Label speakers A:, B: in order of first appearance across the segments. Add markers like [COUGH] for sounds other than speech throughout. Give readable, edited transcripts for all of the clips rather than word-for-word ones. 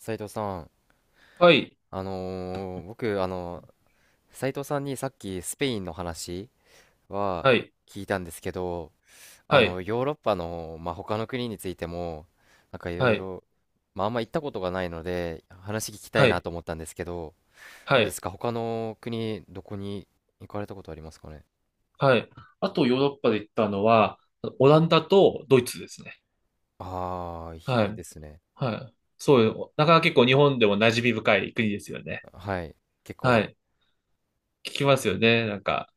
A: 斉藤さん、
B: はい、
A: 僕、斉藤さんにさっきスペインの話は
B: はい、
A: 聞いたんですけど、
B: はい、
A: ヨーロッパの、まあ、他の国についても、なんかいろ
B: は
A: い
B: い、
A: ろ、まあ、あんま行ったことがないので、話聞きたい
B: は
A: な
B: い、
A: と思ったんですけど、ど
B: は
A: うで
B: い、
A: すか、他の国、どこに行かれたことありますかね？
B: はい。あとヨーロッパで行ったのは、オランダとドイツですね。
A: ああー、
B: は
A: いいで
B: い、
A: すね。
B: はい。そうよ。なかなか結構日本でも馴染み深い国ですよね。
A: はい。結
B: は
A: 構、
B: い。聞きますよね、なんか。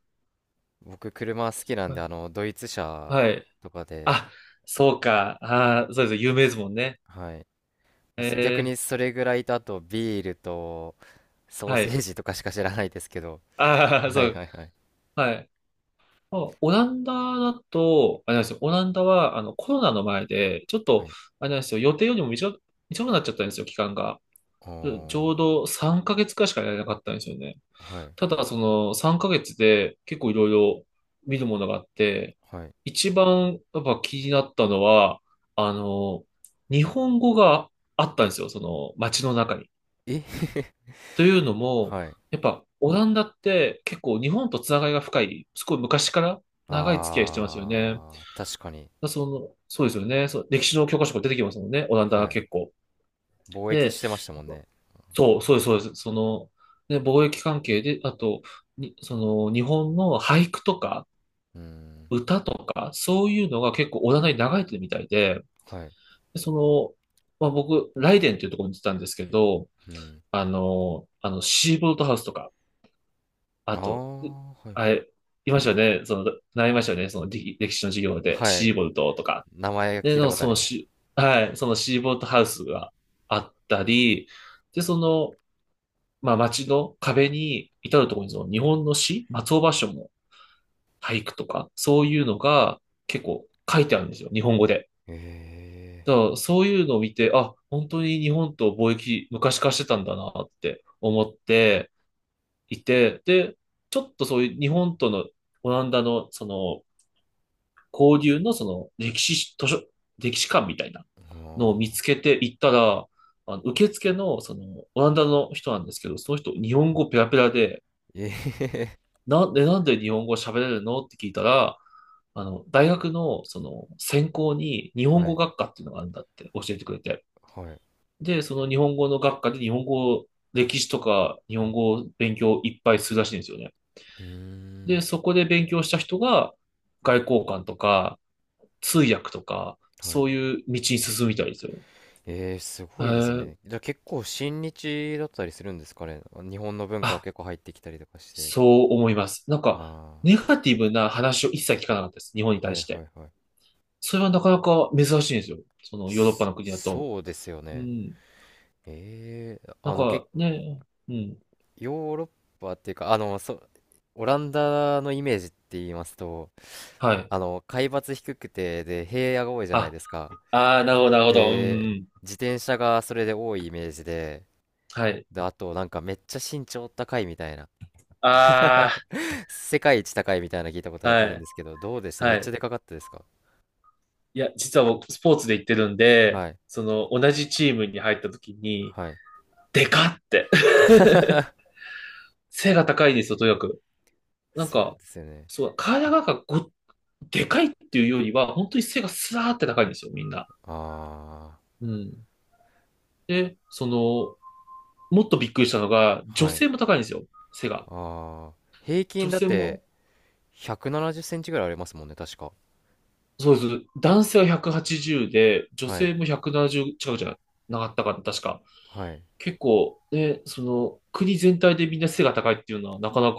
A: 僕、車好きなん
B: は
A: で、
B: い。
A: ドイツ車
B: はい。
A: とかで、
B: あ、そうか。あー、そうです。有名ですもんね。
A: はい。まあす逆
B: え
A: にそれぐらいと、あとビールと、
B: ー、
A: ソー
B: は
A: セー
B: い。
A: ジとかしか知らないですけど。
B: ああ、
A: は
B: そ
A: い
B: う。
A: はいはい。
B: はい。あオランダだと、あれなんですよ、オランダはあのコロナの前で、ちょっ
A: は
B: と、
A: い。
B: あれなんですよ、予定よりも短く、短くなっちゃったんですよ、期間が。ち
A: お
B: ょう
A: ー、
B: ど3ヶ月くらいしかやれなかったんですよね。
A: はい、
B: ただ、その3ヶ月で結構いろいろ見るものがあって、
A: はい。
B: 一番やっぱ気になったのは、あの、日本語があったんですよ、その街の中に。
A: え [LAUGHS]
B: というのも、
A: はい。
B: やっぱオランダって結構日本とつながりが深い、すごい昔から長い付き合いしてますよね。
A: あー、確かに。
B: だその、そうですよね。そう、歴史の教科書が出てきますもんね。オランダ
A: は
B: が
A: い。
B: 結構。
A: 貿易
B: で、
A: してましたもんね。は
B: そ
A: い、
B: う、そうです、そうです。ね、貿易関係で、あと、に、その、日本の俳句とか、
A: うーん、
B: 歌とか、そういうのが結構オランダに流れてるみたいで、
A: はい。
B: で、まあ、僕、ライデンっていうところに行ってたんですけど、
A: うん。
B: シーボルトハウスとか、
A: あ
B: あと、う
A: ー、はい。
B: あれ、いましたよね。その、習いましたよね。歴史の授業で、
A: はい。
B: シーボルトとか。
A: 名前
B: で、
A: 聞いた
B: の
A: こと
B: そ
A: あり
B: の
A: ます。
B: シー、はい、そのシーボートハウスがあったり、で、まあ、街の壁に至るところにその日本の詩、松尾芭蕉も俳句とか、そういうのが結構書いてあるんですよ、日本語で。だか
A: え
B: らそういうのを見て、あ、本当に日本と貿易昔からしてたんだなって思っていて、で、ちょっとそういう日本とのオランダのその交流のその歴史図書、歴史館みたいな
A: ー、
B: のを見
A: あ
B: つけて行ったら、あの受付のそのオランダの人なんですけど、その人日本語ペラペラで、
A: ー、え
B: なんで日本語喋れるのって聞いたら、大学のその専攻に日
A: ー、[LAUGHS]
B: 本
A: は
B: 語
A: い、
B: 学科っていうのがあるんだって教えてくれて。
A: はい。
B: で、その日本語の学科で日本語、歴史とか日本語を勉強いっぱいするらしいんですよね。
A: うーん、
B: で、そこで勉強した人が外交官とか、通訳とか、
A: は
B: そ
A: い。
B: ういう道に進みたいですよ。
A: えー、す
B: え
A: ごいです
B: ー、
A: ね。じゃあ結構親日だったりするんですかね？日本の文化が
B: あ、
A: 結構入ってきたりとかして。
B: そう思います。なんか、
A: あ
B: ネガティブな話を一切聞かなかったです。日本に
A: あ、は
B: 対
A: い
B: し
A: は
B: て。
A: いはい。
B: それはなかなか珍しいんですよ。そのヨーロッパ
A: そ
B: の国だと。
A: そうですよ
B: う
A: ね。
B: ん。
A: ええ、
B: なんかね、うん。
A: ヨーロッパっていうか、オランダのイメージって言いますと、
B: はい。
A: 海抜低くて、で、平野が多いじゃない
B: あ、
A: ですか。
B: ああ、なるほど、なるほど。う
A: で、
B: ん。
A: 自転車がそれで多いイメージで、
B: はい。
A: で、あと、なんかめっちゃ身長高いみたいな。[LAUGHS]
B: あ
A: 世界一高いみたいなの聞いたこ
B: あ、
A: と
B: は
A: あるん
B: い。
A: ですけど、どうでした、め
B: は
A: っちゃ
B: い。
A: でかかったですか？
B: いや、実は僕、スポーツで行ってるんで、
A: はい。
B: 同じチームに入った時に、
A: はい。
B: でかって [LAUGHS] 背が高いんですよ、とにかく。なん
A: そう
B: か、
A: ですよね。
B: そう、体がなんかでかいっていうよりは、本当に背がスラーって高いんですよ、みんな。
A: あ
B: うん。で、もっとびっくりしたのが、
A: あ。
B: 女
A: はい。
B: 性も高いんですよ、背が。
A: ああ。平均
B: 女
A: だっ
B: 性
A: て
B: も、
A: 170センチぐらいありますもんね、確か。
B: そうです。男性は180で、女
A: はい。
B: 性も170近くじゃなかったかな、確か。
A: はい。
B: 結構、ね、国全体でみんな背が高いっていうのは、なかなか、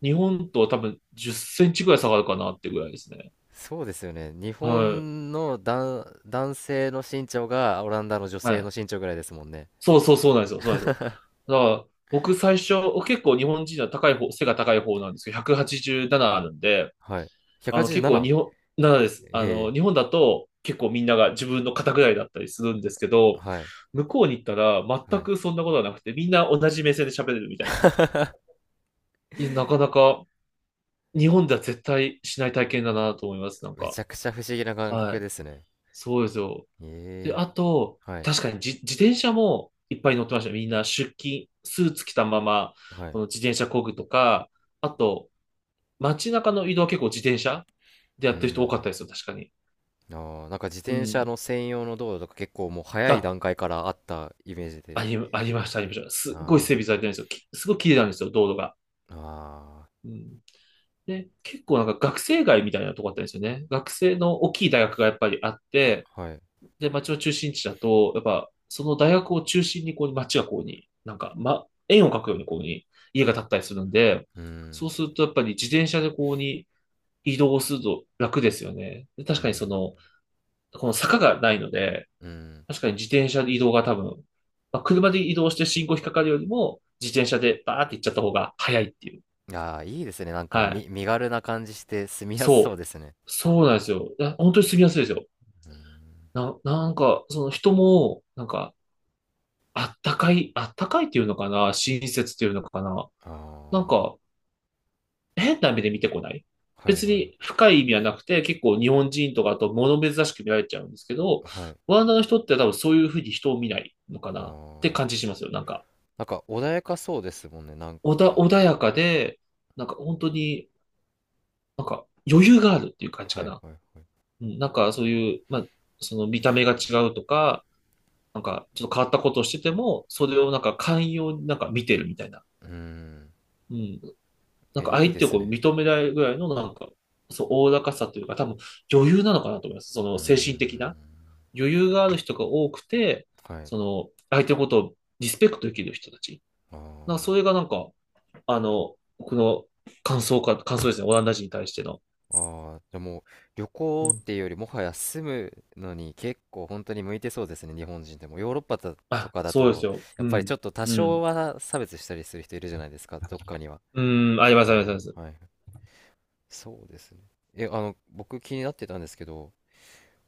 B: 日本とは多分10センチぐらい下がるかなってぐらいですね。
A: そうですよね。日
B: はい。
A: 本の男性の身長がオランダの女
B: は
A: 性の
B: い。
A: 身長ぐらいですもんね。
B: そうそうそうなんですよ。そうなんです。だから、僕最初、結構日本人は高い方、背が高い方なんですけど、187あるんで、
A: はい。
B: 結構
A: 187？
B: 日本、ななです。
A: ええ。
B: 日本だと結構みんなが自分の肩ぐらいだったりするんですけど、
A: はい。
B: 向こうに行ったら
A: は
B: 全
A: い。
B: くそんなことはなくて、みんな同じ目線で喋れるみたいな。いや、なかなか日本では絶対しない体験だなと思います、なん
A: め
B: か。
A: ちゃくちゃ不思議な感
B: は
A: 覚
B: い。
A: ですね。
B: そうですよ。で、
A: え
B: あ
A: え。
B: と、
A: はい。
B: 確かに自転車もいっぱい乗ってました。みんな出勤、スーツ着たまま、
A: は
B: こ
A: い。
B: の自転車工ぐとか、あと、街中の移動は結構自転車でや
A: う
B: っ
A: ー
B: てる人多かった
A: ん。
B: ですよ、確かに。
A: あー、なんか自
B: う
A: 転車
B: ん。
A: の専用の道路とか結構もう早い
B: あ、
A: 段階からあったイメージ
B: あ
A: で。
B: り、ありました、ありました。すっごい
A: あ
B: 整備されてるんですよ。すごい綺麗なんですよ、道路が。
A: あ、あ
B: うん。で、結構なんか学生街みたいなとこあったんですよね。学生の大きい大学がやっぱりあって、
A: あ、はい。
B: で、町の中心地だと、やっぱ、その大学を中心に、こう、町がこうに、なんか、ま、円を描くように、こうに、家が建ったりするんで、
A: うん、
B: そうすると、やっぱり自転車でこうに移動すると楽ですよね。で確
A: う
B: かに
A: ん、
B: この坂がないので、
A: うん。
B: 確かに自転車で移動が多分、まあ、車で移動して信号引っかかるよりも、自転車でバーって行っちゃった方が早いっていう。
A: ああ、いいですね。なんか、
B: はい。
A: 身軽な感じして住みやすそう
B: そう。
A: ですね。
B: そうなんですよ。いや本当に住みやすいですよ。
A: うん、
B: なんか、その人も、なんか、あったかい、あったかいっていうのかな親切っていうのかななん
A: あ
B: か、変な目で見てこない。
A: あ、はい
B: 別
A: はい。
B: に深い意味はなくて、結構日本人とかあと物珍しく見られちゃうんですけど、
A: はい。
B: ワンダの人って多分そういうふうに人を見ないのか
A: あ
B: なって
A: あ、
B: 感じしますよ。なんか、
A: なんか穏やかそうですもんね。なんか、
B: 穏やかで、なんか本当に、なんか余裕があるっていう感じ
A: は
B: か
A: い
B: な。
A: はいはい。
B: うん、なんかそういう、まあ、その見た目が違うとか、なんかちょっと変わったことをしてても、それをなんか寛容になんか見てるみたいな。
A: うん、
B: うん。なん
A: え、
B: か
A: いい
B: 相
A: で
B: 手を
A: す
B: こう
A: ね。
B: 認めないぐらいのなんか、そう、おおらかさというか、多分余裕なのかなと思います。その
A: う
B: 精神的
A: ん、
B: な余裕がある人が多くて、
A: はい。
B: その相手のことをリスペクトできる人たち。
A: あ
B: なんか
A: あ。
B: それがなんか、僕の感想か、感想ですね。オランダ人に対しての。
A: ああ、じゃあもう旅
B: う
A: 行
B: ん。
A: っていうよりもはや住むのに結構本当に向いてそうですね、日本人でも。ヨーロッパだと
B: あ、
A: かだ
B: そうです
A: と、
B: よ。
A: やっ
B: う
A: ぱりちょ
B: ん。
A: っと多
B: う
A: 少
B: ん。
A: は差別したりする人いるじゃないですか、どっかには。
B: うん。あります、あります、あ
A: あ
B: りま
A: あ、は
B: す。
A: い。そうですね。え、僕気になってたんですけど、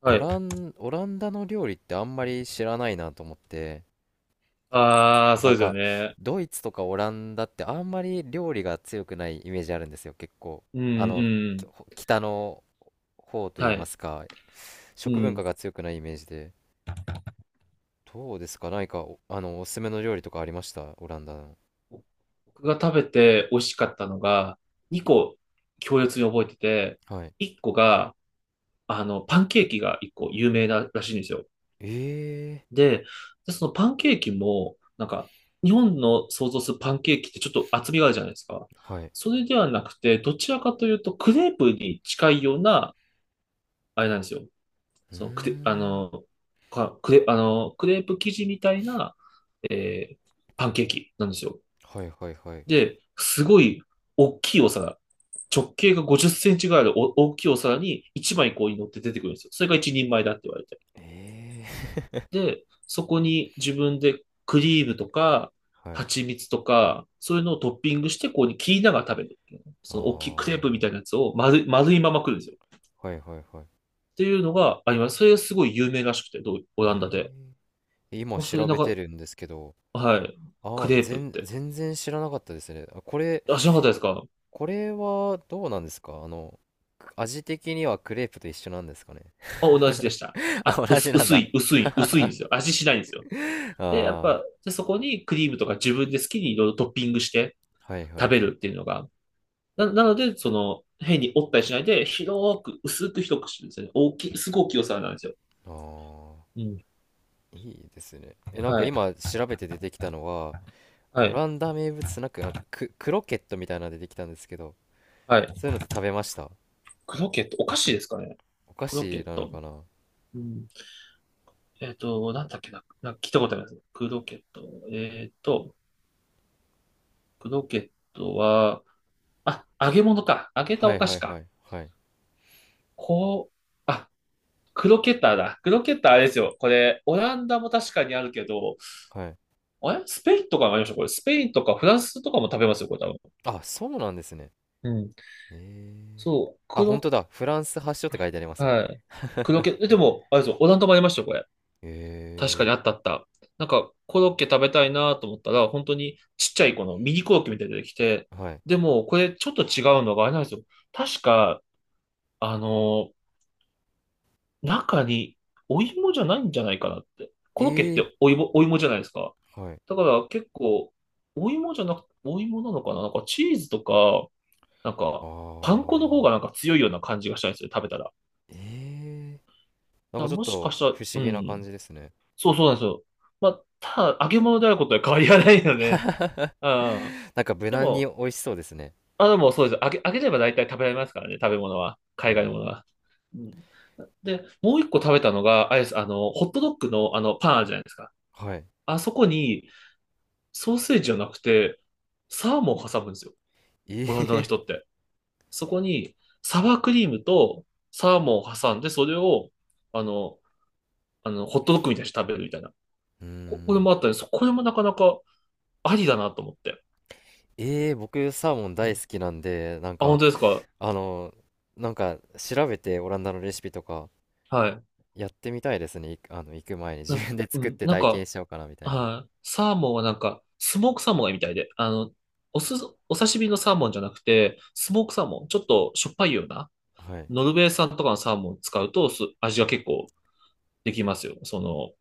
B: はい。
A: オランダの料理ってあんまり知らないなと思って、
B: ああ、そう
A: なん
B: ですよ
A: か、
B: ね。
A: ドイツとかオランダってあんまり料理が強くないイメージあるんですよ、結構。
B: うん、
A: あの、
B: う
A: き
B: ん。
A: 北の方とい
B: は
A: いま
B: い。
A: すか、
B: う
A: 食文化
B: ん。
A: が強くないイメージで。どうですか、何か、おすすめの料理とかありました、オランダの。
B: 僕が食べて美味しかったのが、2個強烈に覚えてて、
A: はい。
B: 1個が、パンケーキが1個有名ならしいんですよ。
A: ええ
B: で、でそのパンケーキも、なんか、日本の想像するパンケーキってちょっと厚みがあるじゃないですか。
A: ー、はい。
B: それではなくて、どちらかというと、クレープに近いような、あれなんですよ。
A: うー
B: その、クレ、あ
A: ん。
B: の、かクレ、あの、クレープ生地みたいな、えーパンケーキなんですよ。
A: はいはいはい。
B: で、すごい大きいお皿、直径が50センチぐらいのお大きいお皿に1枚こうに乗って出てくるんですよ。それが一人前だって言われて。
A: ええ
B: で、そこに自分でクリームとか、
A: ー、はい。
B: 蜂蜜とか、そういうのをトッピングして、こうに切りながら食べる
A: ああ、
B: その大きいクレープみ
A: は
B: たいなやつを丸い、丸いまま食るんですよ。
A: いはいはい。
B: っていうのがあります。それがすごい有名らしくて、どうオランダで。
A: ええ、今
B: あ、それ
A: 調
B: なん
A: べて
B: か、
A: るんですけど、
B: はい。ク
A: あ、
B: レープって。
A: 全然知らなかったですね。あ、
B: あ、知らなかったですか？
A: これはどうなんですか、味的にはクレープと一緒なんですかね？
B: あ、同じでした。
A: [LAUGHS] あ、
B: あ、
A: 同じなんだ。
B: 薄いんですよ。味しないんですよ。で、やっ
A: あ
B: ぱ、
A: あ、
B: で、そこにクリームとか自分で好きにいろいろトッピングして
A: はいはい
B: 食べ
A: はい。
B: るっていうのが、なので、その、変に折ったりしないで、広く、薄く広くしてるんですよね。大きい、すごい大きいお皿なんですよ。
A: あ
B: うん。
A: あ、いいですね。え、なんか
B: はい。
A: 今調べて出てきたのは、
B: は
A: オ
B: い。
A: ランダ名物スナック、なんか、クロケットみたいなの出てきたんですけど、
B: はい。
A: そういうのって食べました？
B: クロケット、お菓子ですかね。
A: お菓
B: クロケ
A: 子
B: ッ
A: なの
B: ト。
A: かな？
B: うん。えっと、なんだっけな。なんか聞いたことあります。クロケット。えっと、クロケットは、あ、揚げ物か。揚げた
A: は
B: お
A: い
B: 菓
A: は
B: 子
A: いは
B: か。
A: いはい
B: こう、あ、クロケッターだ。クロケッターあれですよ。これ、オランダも確かにあるけど、
A: はい。
B: あれスペインとかもありましたこれ。スペインとかフランスとかも食べますよ、これ多分。
A: あ、そうなんですね。
B: うん。
A: ええ
B: そう。
A: あ、本当
B: 黒、
A: だ。フランス発祥って書いてありますね。
B: はい。黒系。
A: [LAUGHS]
B: え、でも、あれですよ、オランダもありましたよ、これ。確かにあっ
A: え
B: たあった。なんか、コロッケ食べたいなと思ったら、本当にちっちゃいこのミニコロッケみたいに出てきて、
A: え、はい。
B: でも、これちょっと違うのがあれなんですよ。確か、あのー中にお芋じゃないんじゃないかなって。コ
A: え
B: ロッケって
A: え、
B: お芋、お芋じゃないですか。
A: はい。
B: だから結構、お芋じゃなく、お芋なのかな、なんかチーズとか、なん
A: あ
B: か、パン粉の方が
A: あ、
B: なんか強いような感じがしたんですよ、食べたら。だか
A: ええ、なん
B: ら
A: かちょっ
B: もしか
A: と
B: したら、
A: 不
B: う
A: 思議な
B: ん。
A: 感じですね。
B: そうそうなんですよ。まあ、ただ、揚げ物であることは変わりはないので、うん。
A: [LAUGHS] なんか無
B: で
A: 難に
B: も、
A: 美味しそうですね。
B: あ、でもそうです。揚げれば大体食べられますからね、食べ物は。
A: う
B: 海外のも
A: ん。
B: のは。うん。で、もう一個食べたのが、あれです、あの、ホットドッグのあの、パンあるじゃないですか。
A: はい。
B: あそこに、ソーセージじゃなくて、サーモンを挟むんですよ。
A: え
B: オランダの
A: え [LAUGHS]
B: 人って。そこに、サワークリームとサーモンを挟んで、それを、あの、あの、ホットドッグみたいにして食べるみたいな。
A: うー
B: これ
A: ん。
B: もあったんです。これもなかなかありだなと思って。
A: ええ、僕サーモン
B: う
A: 大
B: ん。
A: 好きなんで、なん
B: あ、本
A: か、
B: 当ですか？
A: あの、なんか調べてオランダのレシピとか
B: はい。
A: やってみたいですね。行く前に自
B: な、
A: 分で
B: う
A: 作っ
B: ん、
A: て
B: なん
A: 体験
B: か、
A: しようかなみたいな。
B: はい。サーモンはなんか、スモークサーモンがいいみたいで、あの、おす、お刺身のサーモンじゃなくて、スモークサーモン、ちょっとしょっぱいような、
A: はい。
B: ノルウェー産とかのサーモンを使うと、す味が結構できますよ。その、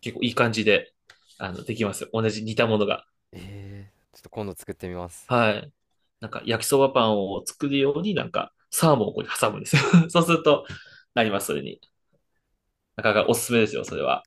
B: 結構いい感じで、あの、できますよ。同じ似たものが。
A: ええ、ちょっと今度作ってみます。
B: はい。なんか焼きそばパンを作るようになんかサーモンをここに挟むんですよ。[LAUGHS] そうするとなります、それに。なかなかおすすめですよ、それは。